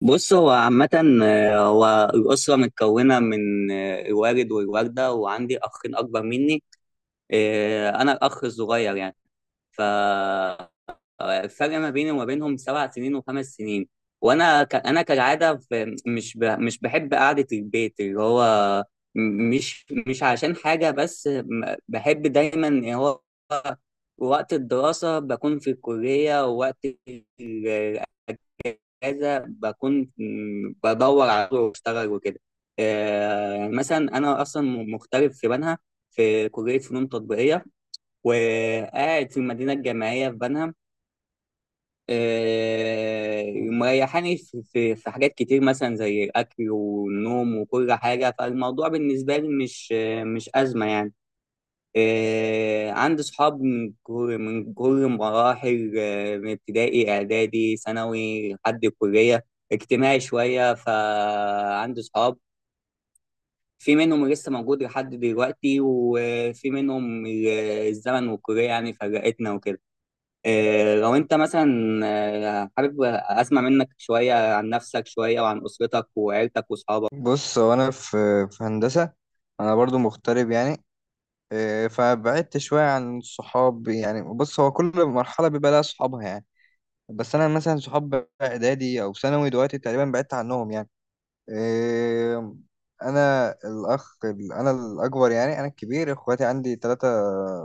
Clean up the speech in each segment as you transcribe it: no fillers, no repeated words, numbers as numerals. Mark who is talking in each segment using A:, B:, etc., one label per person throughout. A: بص، هو عامة. هو الأسرة متكونة من الوالد والوالدة، وعندي أخين أكبر مني. أنا الأخ الصغير يعني. فالفرق ما بيني وما بينهم 7 سنين وخمس سنين. أنا كالعادة، مش بحب قعدة البيت اللي هو مش عشان حاجة، بس بحب دايما اللي هو وقت الدراسة بكون في الكلية، ووقت اجازه بكون بدور على طول واشتغل وكده. يعني مثلا انا اصلا مغترب في بنها، في كليه فنون تطبيقيه، وقاعد في المدينه الجامعيه في بنها. مريحاني في حاجات كتير، مثلا زي الاكل والنوم وكل حاجه. فالموضوع بالنسبه لي مش مش ازمه يعني. عندي صحاب من كل مراحل، من ابتدائي، اعدادي، ثانوي لحد الكليه. اجتماعي شويه، فعندي صحاب في منهم لسه موجود لحد دلوقتي، وفي منهم الزمن والكليه يعني فرقتنا وكده. لو انت مثلا، حابب اسمع منك شويه عن نفسك شويه، وعن اسرتك وعيلتك واصحابك.
B: بص، هو انا في هندسه. انا برضو مغترب يعني إيه، فبعدت شويه عن الصحاب يعني. بص، هو كل مرحله بيبقى لها صحابها يعني. بس انا مثلا صحاب اعدادي او ثانوي دلوقتي تقريبا بعدت عنهم يعني. إيه، انا الاخ انا الاكبر يعني، انا الكبير. اخواتي عندي 3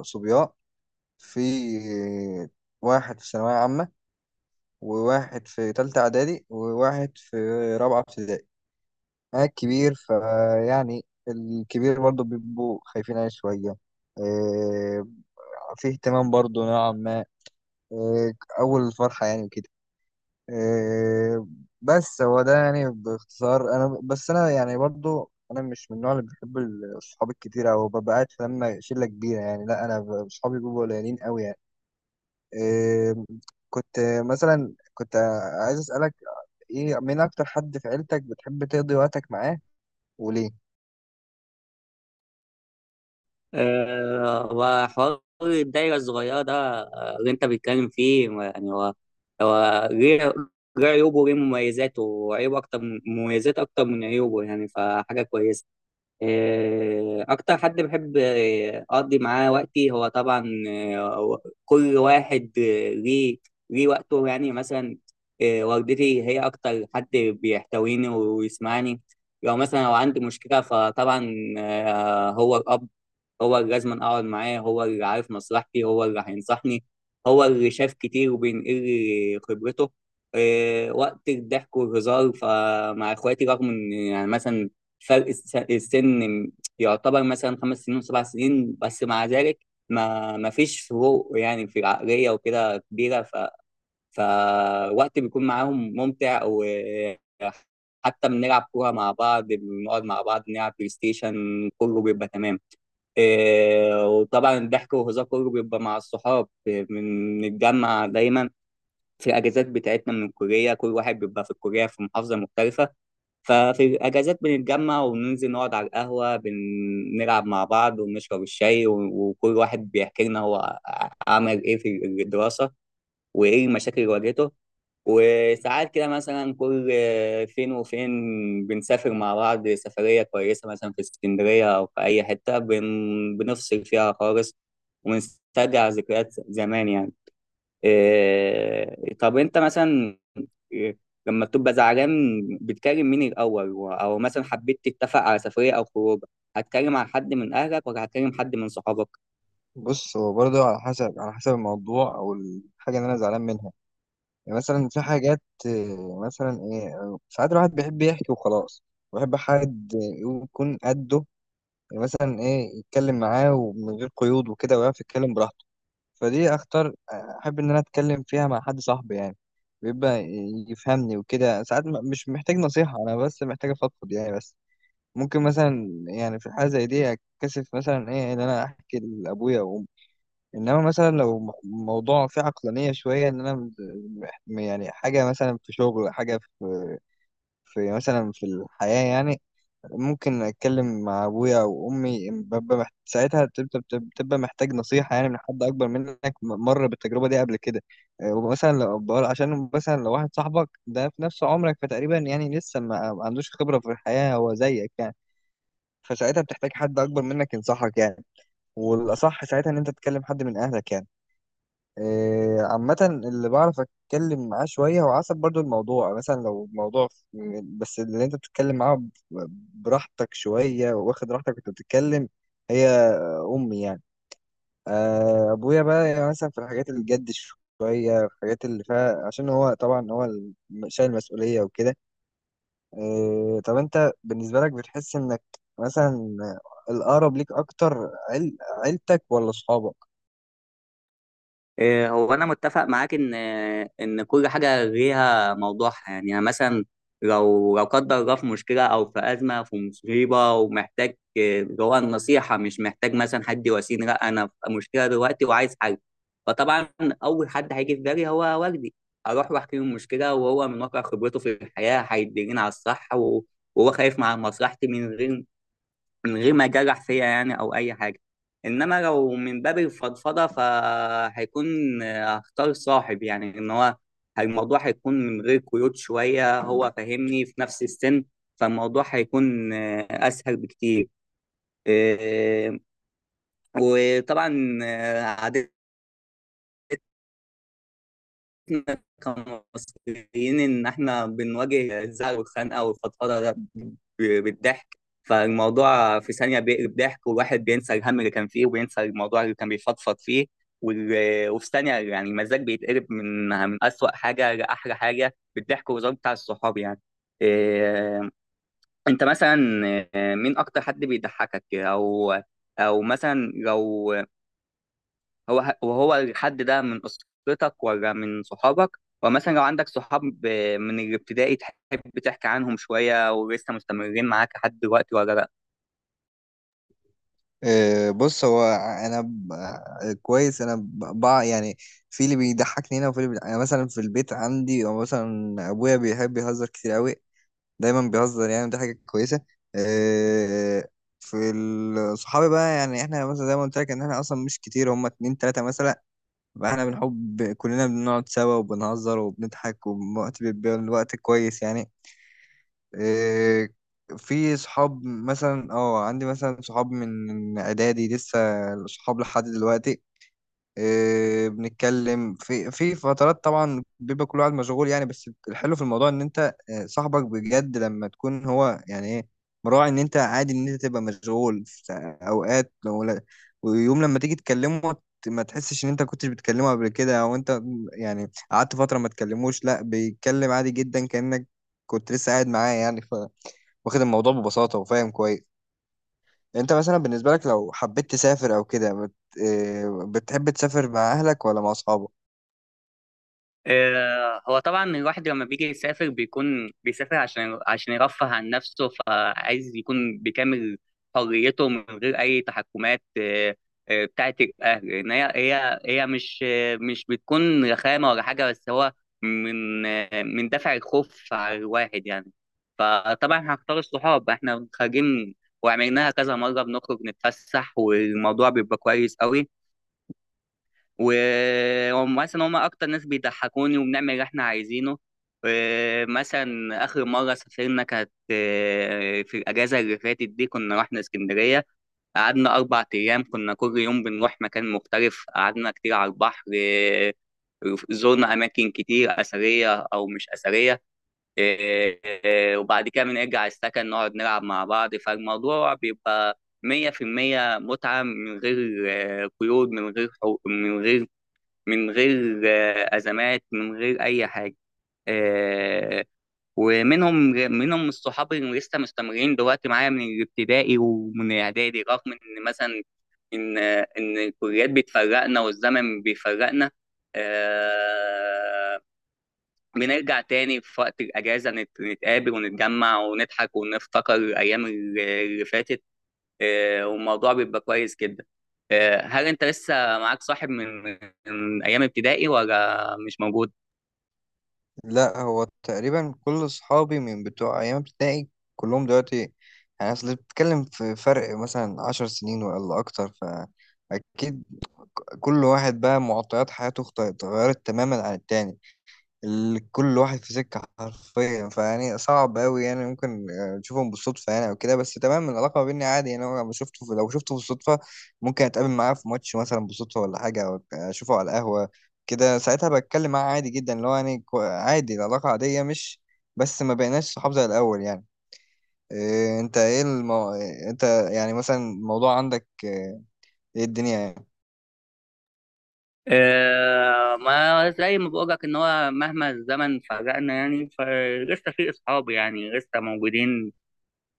B: صبيان. في واحد في ثانويه عامه، وواحد في ثالثه اعدادي، وواحد في رابعه ابتدائي. أنا الكبير، فيعني الكبير برضه بيبقوا خايفين عليه شوية. إيه، في اهتمام برضه نوعا ما. إيه، أول الفرحة يعني وكده. إيه، بس هو ده يعني باختصار. أنا بس أنا يعني برضه أنا مش من النوع اللي بيحب الصحاب الكتير، أو ببقى قاعد في لما شلة كبيرة يعني. لا، أنا صحابي بيبقوا قليلين أوي يعني. إيه، كنت مثلا كنت عايز أسألك إيه، مين أكتر حد في عيلتك بتحب تقضي وقتك معاه، وليه؟
A: وحوار الدايرة الصغيرة ده، اللي أنت بتتكلم فيه، يعني هو ليه عيوبه وليه مميزاته، وعيوبه أكتر من مميزاته أكتر من عيوبه يعني، فحاجة كويسة. أكتر حد بحب أقضي معاه وقتي هو طبعا، كل واحد ليه وقته يعني مثلا. والدتي هي أكتر حد بيحتويني ويسمعني. لو مثلا عندي مشكلة، فطبعا هو الأب، هو اللي لازم اقعد معاه، هو اللي عارف مصلحتي، هو اللي هينصحني، هو اللي شاف كتير وبينقل لي خبرته. إيه، وقت الضحك والهزار فمع اخواتي، رغم ان يعني مثلا فرق السن يعتبر مثلا 5 سنين وسبع سنين، بس مع ذلك ما فيش فروق يعني في العقلية وكده كبيرة، فوقت بيكون معاهم ممتع، وحتى بنلعب كورة مع بعض، بنقعد مع بعض نلعب بلاي ستيشن، كله بيبقى تمام. إيه، وطبعا الضحك والهزار كله بيبقى مع الصحاب. إيه، بنتجمع دايما في الاجازات بتاعتنا من الكليه. كل واحد بيبقى في الكليه في محافظه مختلفه، ففي الاجازات بنتجمع وننزل نقعد على القهوه، بنلعب مع بعض ونشرب الشاي، وكل واحد بيحكي لنا هو عمل ايه في الدراسه، وايه المشاكل اللي واجهته. وساعات كده مثلا كل فين وفين بنسافر مع بعض سفرية كويسة، مثلا في اسكندرية أو في أي حتة بنفصل فيها خالص ونسترجع ذكريات زمان يعني. إيه، طب أنت مثلا، إيه، لما بتبقى زعلان بتكلم مين الأول، أو مثلا حبيت تتفق على سفرية أو خروج، هتكلم على حد من أهلك ولا هتكلم حد من صحابك؟
B: بص، هو برضه على حسب الموضوع او الحاجه اللي انا زعلان منها. يعني مثلا في حاجات مثلا ايه، ساعات الواحد بيحب يحكي وخلاص. بيحب حد يكون قده، يعني مثلا ايه، يتكلم معاه ومن غير قيود وكده، ويعرف يتكلم براحته. فدي اختار احب ان انا اتكلم فيها مع حد صاحبي يعني. بيبقى يفهمني وكده. ساعات مش محتاج نصيحه انا، بس محتاج افضفض يعني. بس ممكن مثلا يعني في حاجه زي دي اتكسف مثلا ايه ان انا احكي لابويا. انما مثلا لو موضوع فيه عقلانيه شويه ان انا، يعني حاجه مثلا في شغل، حاجه في مثلا في الحياه يعني، ممكن اتكلم مع ابويا او امي. ساعتها بتبقى محتاج نصيحه يعني، من حد اكبر منك مر بالتجربه دي قبل كده. آه، ومثلا عشان مثلا لو واحد صاحبك ده في نفس عمرك، فتقريبا يعني لسه ما عندوش خبره في الحياه، هو زيك يعني. فساعتها بتحتاج حد اكبر منك ينصحك يعني، والاصح ساعتها ان انت تتكلم حد من اهلك يعني. إيه، عامة اللي بعرف أتكلم معاه شوية، هو حسب برضو الموضوع. مثلا لو موضوع بس اللي أنت بتتكلم معاه براحتك شوية، واخد راحتك وأنت بتتكلم، هي أمي يعني. آه، أبويا بقى يعني مثلا في الحاجات اللي جد شوية، في الحاجات اللي فيها، عشان هو طبعا هو شايل مسؤولية وكده. إيه، طب أنت بالنسبة لك بتحس إنك مثلا الأقرب ليك أكتر عيلتك ولا أصحابك؟
A: إيه، هو انا متفق معاك ان كل حاجه ليها موضوعها يعني. أنا مثلا لو قدر الله في مشكله او في ازمه في مصيبه، ومحتاج اللي هو النصيحه، مش محتاج مثلا حد يواسيني. لا، انا في مشكله دلوقتي وعايز حل. فطبعا اول حد هيجي في بالي هو والدي، اروح واحكي له المشكله، وهو من واقع خبرته في الحياه هيدلني على الصح، وهو خايف مع مصلحتي، من غير ما يجرح فيا يعني او اي حاجه. انما لو من باب الفضفضه، فهيكون هختار صاحب يعني، ان هو الموضوع هيكون من غير قيود شويه، هو فاهمني في نفس السن، فالموضوع هيكون اسهل بكتير. إيه، وطبعا عادة إحنا كمصريين إن إحنا بنواجه الزعل والخنقة والفضفضة ده بالضحك. فالموضوع في ثانية بيقلب ضحك، والواحد بينسى الهم اللي كان فيه، وبينسى الموضوع اللي كان بيفضفض فيه. وفي ثانية يعني المزاج بيتقلب من أسوأ حاجة لأحلى حاجة بالضحك والهزار بتاع الصحاب يعني. إيه، أنت مثلا، إيه، مين أكتر حد بيضحكك، أو مثلا لو هو وهو الحد ده من أسرتك ولا من صحابك؟ ومثلا لو عندك صحاب من الابتدائي، تحب تحكي عنهم شوية؟ ولسه مستمرين معاك لحد دلوقتي ولا لأ؟
B: آه، بص، هو انا كويس انا بقى يعني. في اللي بيضحكني هنا وفي اللي بيضحك. انا مثلا في البيت عندي، او مثلا ابويا بيحب يهزر كتير قوي، دايما بيهزر يعني، دي حاجه كويسه. آه، في صحابي بقى يعني، احنا مثلا زي ما قلت لك، ان احنا اصلا مش كتير، هم اتنين تلاته مثلا. فاحنا بنحب كلنا بنقعد سوا وبنهزر وبنضحك، ووقت بيبقى الوقت كويس يعني. إيه، في صحاب مثلا اه، عندي مثلا صحاب من اعدادي، لسه صحاب لحد دلوقتي. إيه، بنتكلم في فترات طبعا، بيبقى كل واحد مشغول يعني. بس الحلو في الموضوع ان انت، صاحبك بجد لما تكون هو يعني ايه، مراعي ان انت عادي ان انت تبقى مشغول في اوقات. لو لا- ويوم لما تيجي تكلمه، ما تحسش ان انت كنتش بتكلمه قبل كده، او انت يعني قعدت فترة ما تكلموش. لا، بيتكلم عادي جدا كأنك كنت لسه قاعد معاه يعني، واخد الموضوع ببساطة وفاهم كويس يعني. انت مثلا بالنسبة لك لو حبيت تسافر او كده بت... آه، بتحب تسافر مع اهلك ولا مع اصحابك؟
A: هو طبعا الواحد لما بيجي يسافر بيكون بيسافر عشان يرفه عن نفسه، فعايز يكون بكامل حريته من غير اي تحكمات، بتاعت الاهل، ان هي مش مش بتكون رخامه ولا حاجه، بس هو من دافع الخوف على الواحد يعني. فطبعا هختار الصحاب. احنا خارجين وعملناها كذا مره، بنخرج نتفسح والموضوع بيبقى كويس قوي. وهم مثلا اكتر ناس بيضحكوني، وبنعمل اللي احنا عايزينه. مثلا اخر مره سافرنا كانت في الاجازه اللي فاتت دي، كنا رحنا اسكندريه. قعدنا 4 ايام، كنا كل يوم بنروح مكان مختلف، قعدنا كتير على البحر. زرنا اماكن كتير اثريه او مش اثريه. وبعد كده بنرجع السكن نقعد نلعب مع بعض، فالموضوع بيبقى 100% متعة، من غير قيود، من غير حقوق، من غير أزمات، من غير أي حاجة. آه، ومنهم الصحاب اللي لسه مستمرين دلوقتي معايا من الابتدائي ومن الإعدادي، رغم إن مثلا إن الكليات بتفرقنا والزمن بيفرقنا. آه، بنرجع تاني في وقت الأجازة، نتقابل ونتجمع ونضحك ونفتكر الأيام اللي فاتت. والموضوع بيبقى كويس جدا. هل انت لسه معاك صاحب من ايام ابتدائي ولا مش موجود؟
B: لا، هو تقريبا كل اصحابي من بتوع ايام ابتدائي، كلهم دلوقتي يعني. اصل بتتكلم في فرق مثلا 10 سنين ولا اكتر، فاكيد كل واحد بقى معطيات حياته اتغيرت تماما عن التاني. كل واحد في سكة حرفيا، فيعني صعب أوي يعني. ممكن تشوفهم بالصدفة يعني أو كده، بس تمام، العلاقة ما بيني عادي يعني. لو شفته بالصدفة، ممكن أتقابل معاه في ماتش مثلا بالصدفة ولا حاجة، أو أشوفه على القهوة كده، ساعتها بتكلم معاه عادي جدا، اللي هو يعني عادي، العلاقة عادية، مش بس ما بقيناش صحاب زي الأول يعني. إيه، أنت إيه المو... إيه أنت يعني مثلا الموضوع عندك إيه، إيه الدنيا يعني.
A: ما زي ما بقولك ان هو مهما الزمن فرقنا يعني فلسه في اصحاب يعني لسه موجودين.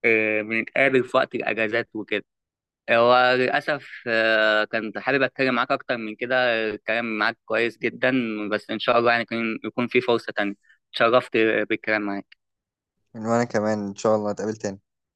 A: بنتقابل في وقت الاجازات وكده. هو للأسف كنت حابب أتكلم معاك أكتر من كده. الكلام معاك كويس جدا، بس إن شاء الله يعني يكون في فرصة تانية. اتشرفت بالكلام معاك.
B: وأنا كمان إن شاء الله نتقابل تاني.